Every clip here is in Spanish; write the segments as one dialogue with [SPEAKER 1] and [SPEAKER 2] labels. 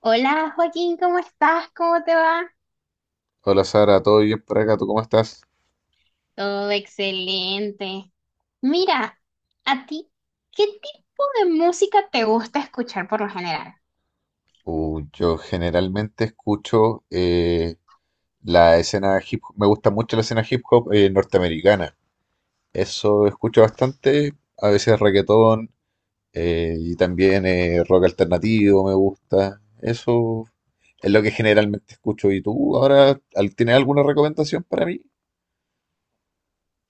[SPEAKER 1] Hola Joaquín, ¿cómo estás? ¿Cómo te va?
[SPEAKER 2] Hola Sara, ¿todo bien por acá? ¿Tú cómo estás?
[SPEAKER 1] Todo excelente. Mira, a ti, ¿qué tipo de música te gusta escuchar por lo general?
[SPEAKER 2] Yo generalmente escucho la escena hip hop, me gusta mucho la escena hip hop norteamericana. Eso escucho bastante, a veces reggaetón y también rock alternativo me gusta. Eso es lo que generalmente escucho. ¿Y tú ahora tienes alguna recomendación para mí?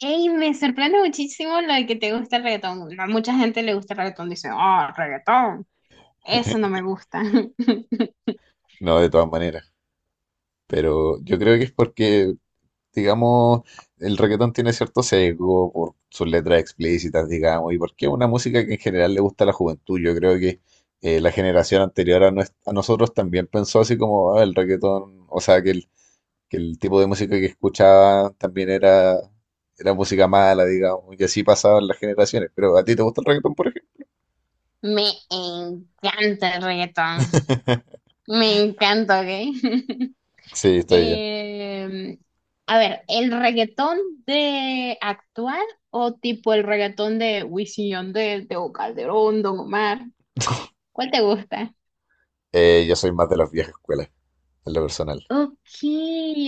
[SPEAKER 1] Ey, me sorprende muchísimo lo de que te gusta el reggaetón. A mucha gente le gusta el reggaetón, dice, oh, reggaetón, eso no me gusta.
[SPEAKER 2] No, de todas maneras. Pero yo creo que es porque, digamos, el reggaetón tiene cierto sesgo por sus letras explícitas, digamos, y porque es una música que en general le gusta a la juventud. Yo creo que la generación anterior a, a nosotros también pensó así como: "Ah, el reggaetón, o sea, que el tipo de música que escuchaba también era música mala", digamos, y así pasaban las generaciones. Pero ¿a ti te gusta el reggaetón, por ejemplo?
[SPEAKER 1] Me encanta el reggaetón, me encanta, ¿ok?
[SPEAKER 2] Sí, estoy bien.
[SPEAKER 1] Eh, a ver, ¿el reggaetón de actual o tipo el reggaetón de Wisin y Yandel, Tego Calderón, Don Omar? ¿Cuál te gusta?
[SPEAKER 2] Yo soy más de las viejas escuelas, en lo personal.
[SPEAKER 1] Ok,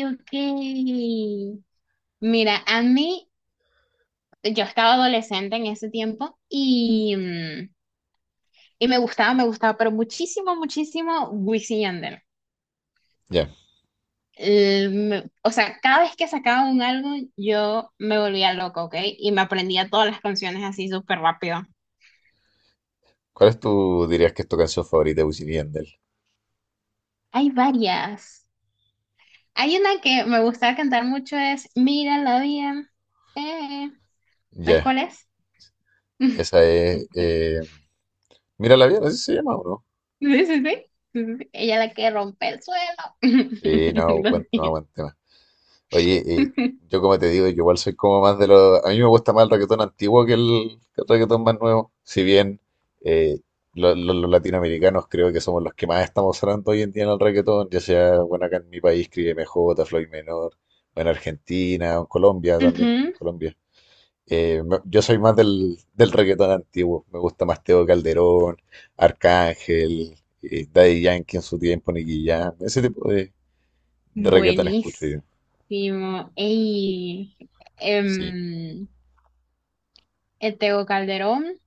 [SPEAKER 1] ok. Mira, a mí, yo estaba adolescente en ese tiempo y, y me gustaba, pero muchísimo Wisin y Yandel.
[SPEAKER 2] Ya.
[SPEAKER 1] O sea, cada vez que sacaba un álbum, yo me volvía loca, ¿ok? Y me aprendía todas las canciones así súper rápido.
[SPEAKER 2] ¿Cuál es tu, dirías que es tu canción favorita de Wisin y Yandel?
[SPEAKER 1] Hay varias. Hay una que me gusta cantar mucho es Mírala bien. Eh, ¿Sabes
[SPEAKER 2] Ya.
[SPEAKER 1] cuál es?
[SPEAKER 2] Esa es, Mira la vida, así se llama, ¿o no?
[SPEAKER 1] sí, sí. Sí, sí, sí. Ella la que rompe el suelo.
[SPEAKER 2] Sí, no,
[SPEAKER 1] Lo
[SPEAKER 2] buen tema,
[SPEAKER 1] siento.
[SPEAKER 2] buen tema. Oye, yo como te digo, yo igual soy como más de los. A mí me gusta más el reggaetón antiguo que el reggaetón más nuevo. Si bien eh, los latinoamericanos creo que somos los que más estamos sonando hoy en día en el reggaetón, ya sea, bueno, acá en mi país, Cris M j Floyd Menor, o en Argentina, o en Colombia también, en
[SPEAKER 1] Ujú.
[SPEAKER 2] Colombia. Yo soy más del reggaetón antiguo. Me gusta más Teo Calderón, Arcángel, Daddy Yankee en su tiempo, Nicky Jam. Ese tipo de reggaetón escucho
[SPEAKER 1] Buenísimo.
[SPEAKER 2] yo.
[SPEAKER 1] Ey,
[SPEAKER 2] Sí,
[SPEAKER 1] em, el Tego Calderón,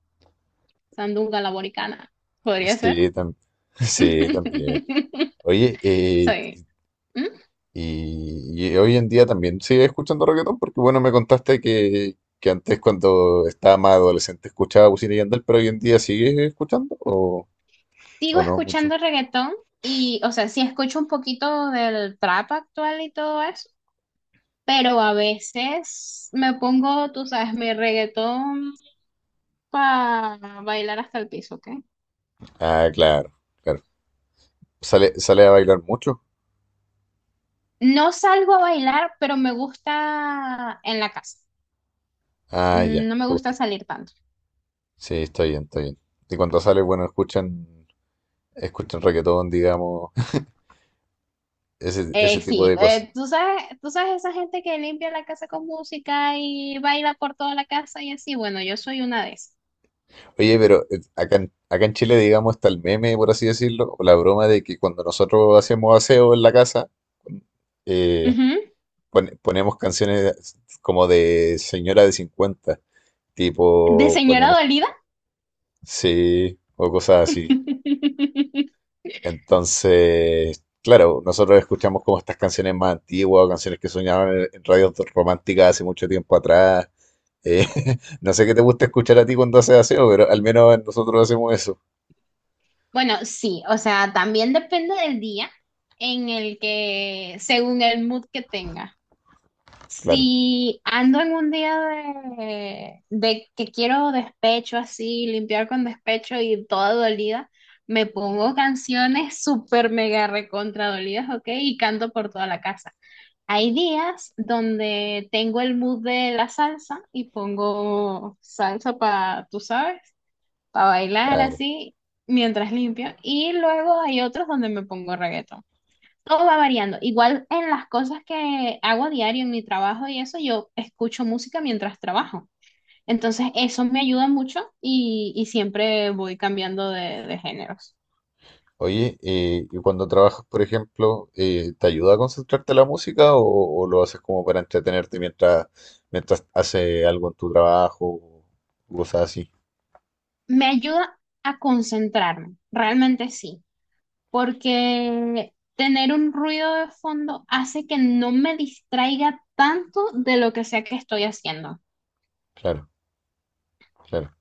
[SPEAKER 1] Sandunga la Boricana. ¿Podría ser?
[SPEAKER 2] sí, sí, también. Oye,
[SPEAKER 1] Soy.
[SPEAKER 2] y hoy en día también sigues escuchando reggaetón porque, bueno, me contaste que antes cuando estaba más adolescente escuchaba Wisin y Yandel, pero hoy en día sigues escuchando
[SPEAKER 1] Sigo
[SPEAKER 2] o no
[SPEAKER 1] escuchando
[SPEAKER 2] mucho.
[SPEAKER 1] reggaetón y, o sea, sí escucho un poquito del trap actual y todo eso, pero a veces me pongo, tú sabes, mi reggaetón para bailar hasta el piso, ¿ok?
[SPEAKER 2] Ah, claro, claro. ¿Sale, sale a bailar mucho?
[SPEAKER 1] No salgo a bailar, pero me gusta en la casa.
[SPEAKER 2] Ah, ya,
[SPEAKER 1] Mm,
[SPEAKER 2] te
[SPEAKER 1] no me gusta
[SPEAKER 2] gusta.
[SPEAKER 1] salir tanto.
[SPEAKER 2] Sí, está bien, está bien. Y cuando sale, bueno, escuchan, escuchan reggaetón, digamos, ese
[SPEAKER 1] Eh,
[SPEAKER 2] tipo
[SPEAKER 1] sí,
[SPEAKER 2] de cosas.
[SPEAKER 1] eh, tú sabes esa gente que limpia la casa con música y baila por toda la casa y así, bueno, yo soy una de esas.
[SPEAKER 2] Oye, pero acá en, acá en Chile, digamos, está el meme, por así decirlo, o la broma de que cuando nosotros hacemos aseo en la casa, eh,
[SPEAKER 1] Ujú.
[SPEAKER 2] ponemos canciones como de señora de 50,
[SPEAKER 1] De
[SPEAKER 2] tipo,
[SPEAKER 1] señora
[SPEAKER 2] ponemos,
[SPEAKER 1] dolida.
[SPEAKER 2] sí, o cosas así. Entonces, claro, nosotros escuchamos como estas canciones más antiguas, o canciones que soñaban en radios románticas hace mucho tiempo atrás. Eh, no sé qué te gusta escuchar a ti cuando haces aseo, pero al menos nosotros hacemos eso.
[SPEAKER 1] Bueno, sí, o sea, también depende del día en el que, según el mood que tenga.
[SPEAKER 2] Claro,
[SPEAKER 1] Si ando en un día de que quiero despecho así, limpiar con despecho y toda dolida, me pongo canciones súper mega recontra dolidas, ¿ok? Y canto por toda la casa. Hay días donde tengo el mood de la salsa y pongo salsa para, tú sabes, para bailar
[SPEAKER 2] claro.
[SPEAKER 1] así mientras limpio. Y luego hay otros donde me pongo reggaetón. Todo va variando. Igual en las cosas que hago a diario en mi trabajo y eso, yo escucho música mientras trabajo. Entonces eso me ayuda mucho y siempre voy cambiando de géneros.
[SPEAKER 2] Oye, y cuando trabajas, por ejemplo, ¿te ayuda a concentrarte la música o lo haces como para entretenerte mientras, mientras haces algo en tu trabajo o cosas así?
[SPEAKER 1] Me ayuda a concentrarme, realmente sí, porque tener un ruido de fondo hace que no me distraiga tanto de lo que sea que estoy haciendo.
[SPEAKER 2] Claro, claro.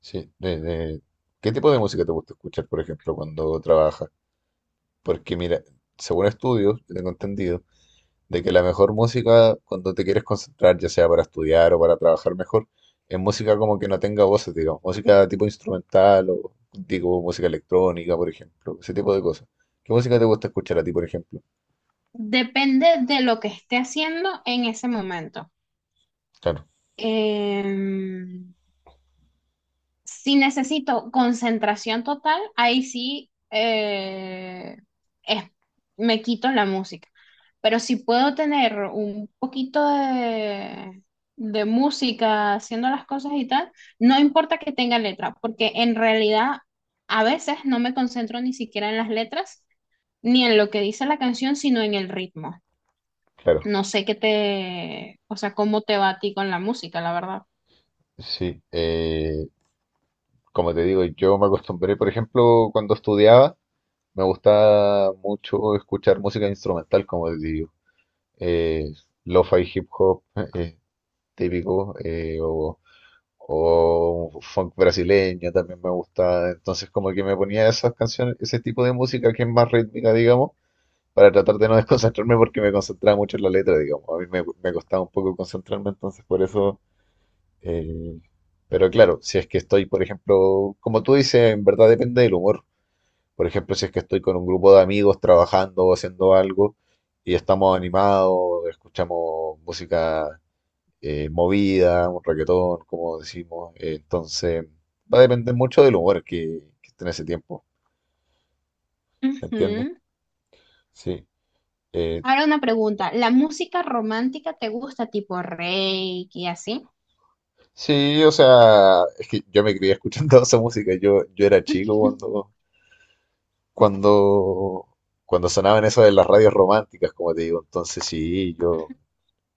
[SPEAKER 2] Sí, ¿qué tipo de música te gusta escuchar, por ejemplo, cuando trabajas? Porque mira, según estudios, yo tengo entendido de que la mejor música cuando te quieres concentrar, ya sea para estudiar o para trabajar mejor, es música como que no tenga voces, digamos, música tipo instrumental o digo música electrónica, por ejemplo, ese tipo de cosas. ¿Qué música te gusta escuchar a ti, por ejemplo?
[SPEAKER 1] Depende de lo que esté haciendo en ese momento.
[SPEAKER 2] Claro,
[SPEAKER 1] Em, si necesito concentración total, ahí sí, es- me quito la música. Pero si puedo tener un poquito de música haciendo las cosas y tal, no importa que tenga letra, porque en realidad a veces no me concentro ni siquiera en las letras ni en lo que dice la canción, sino en el ritmo.
[SPEAKER 2] claro,
[SPEAKER 1] No sé qué te, o sea, cómo te va a ti con la música, la verdad.
[SPEAKER 2] sí. Como te digo, yo me acostumbré, por ejemplo, cuando estudiaba, me gusta mucho escuchar música instrumental, como les digo. Eh, Lo-fi hip hop eh, típico, o funk brasileño también me gusta. Entonces, como que me ponía esas canciones, ese tipo de música que es más rítmica, digamos, para tratar de no desconcentrarme porque me concentraba mucho en la letra, digamos. A mí me, me costaba un poco concentrarme, entonces por eso. eh, pero claro, si es que estoy, por ejemplo, como tú dices, en verdad depende del humor. Por ejemplo, si es que estoy con un grupo de amigos trabajando o haciendo algo y estamos animados, escuchamos música movida, un reggaetón, como decimos. Entonces, va a depender mucho del humor que esté en ese tiempo, ¿me entiendes?
[SPEAKER 1] Ujú.
[SPEAKER 2] Sí. Eh,
[SPEAKER 1] Ahora una pregunta, ¿la música romántica te gusta tipo reiki y así?
[SPEAKER 2] sí, o sea, es que yo me crié escuchando esa música. Yo era chico cuando, cuando, cuando sonaban eso de las radios románticas, como te digo. Entonces, sí, yo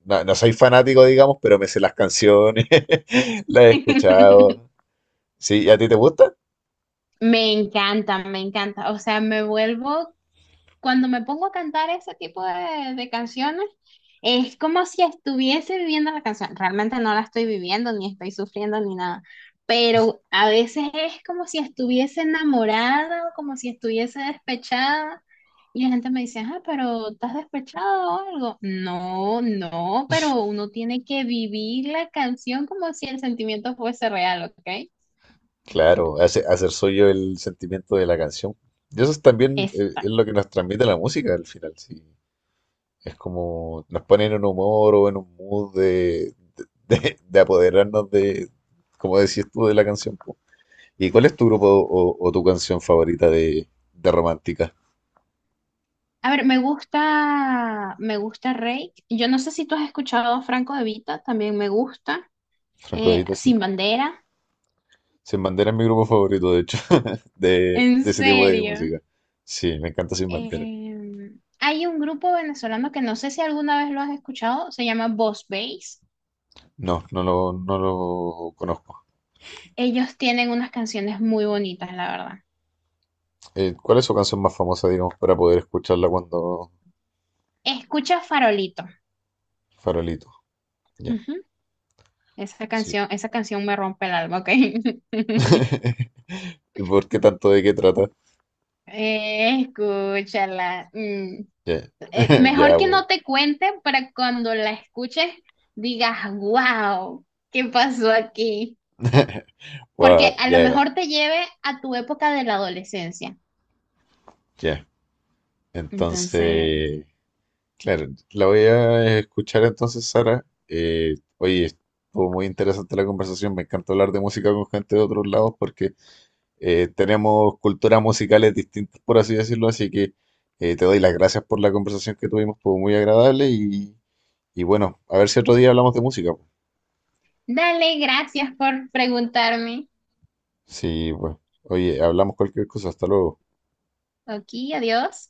[SPEAKER 2] no, no soy fanático, digamos, pero me sé las canciones, las he escuchado. Sí, y ¿a ti te gusta?
[SPEAKER 1] Me encanta, me encanta. O sea, me vuelvo cuando me pongo a cantar ese tipo de canciones, es como si estuviese viviendo la canción. Realmente no la estoy viviendo, ni estoy sufriendo, ni nada. Pero a veces es como si estuviese enamorada o como si estuviese despechada. Y la gente me dice, ah, pero ¿estás despechada o algo? No, no, pero uno tiene que vivir la canción como si el sentimiento fuese real, ¿ok?
[SPEAKER 2] Claro, hace, hacer suyo el sentimiento de la canción. Y eso es también
[SPEAKER 1] Exacto.
[SPEAKER 2] es lo que nos transmite la música al final, sí. Es como nos pone en un humor o en un mood de, de apoderarnos de, como decías tú, de la canción, po. ¿Y cuál es tu grupo o tu canción favorita de romántica?
[SPEAKER 1] A ver, me gusta Rake. Yo no sé si tú has escuchado a Franco De Vita, también me gusta.
[SPEAKER 2] Franco de Vita, sí.
[SPEAKER 1] Sin Bandera.
[SPEAKER 2] Sin Bandera es mi grupo favorito, de hecho,
[SPEAKER 1] En
[SPEAKER 2] de ese tipo de
[SPEAKER 1] serio.
[SPEAKER 2] música. Sí, me encanta Sin Bandera.
[SPEAKER 1] Eh, Hay un grupo venezolano que no sé si alguna vez lo has escuchado, se llama Boss Bass.
[SPEAKER 2] No, no lo, no lo conozco.
[SPEAKER 1] Ellos tienen unas canciones muy bonitas, la verdad.
[SPEAKER 2] ¿Cuál es su canción más famosa, digamos, para poder escucharla cuando,
[SPEAKER 1] Escucha Farolito.
[SPEAKER 2] farolito? Ya,
[SPEAKER 1] Ujú.
[SPEAKER 2] sí.
[SPEAKER 1] Esa canción me rompe el alma, ¿ok?
[SPEAKER 2] ¿Y ¿Por qué tanto, de qué trata?
[SPEAKER 1] Escúchala. Mm.
[SPEAKER 2] Ya,
[SPEAKER 1] Mejor
[SPEAKER 2] ya,
[SPEAKER 1] que
[SPEAKER 2] bueno.
[SPEAKER 1] no te cuente para cuando la escuches digas, wow, ¿qué pasó aquí? Porque a lo
[SPEAKER 2] Ya, ya,
[SPEAKER 1] mejor te lleve a tu época de la adolescencia.
[SPEAKER 2] ya.
[SPEAKER 1] Entonces,
[SPEAKER 2] Entonces, claro, la voy a escuchar entonces, Sara. Oye, estuvo muy interesante la conversación. Me encanta hablar de música con gente de otros lados porque tenemos culturas musicales distintas, por así decirlo, así que te doy las gracias por la conversación que tuvimos, fue muy agradable y bueno, a ver si otro día hablamos de música, pues.
[SPEAKER 1] dale, gracias por preguntarme.
[SPEAKER 2] Sí, pues, oye, hablamos cualquier cosa, hasta luego.
[SPEAKER 1] Aquí, adiós.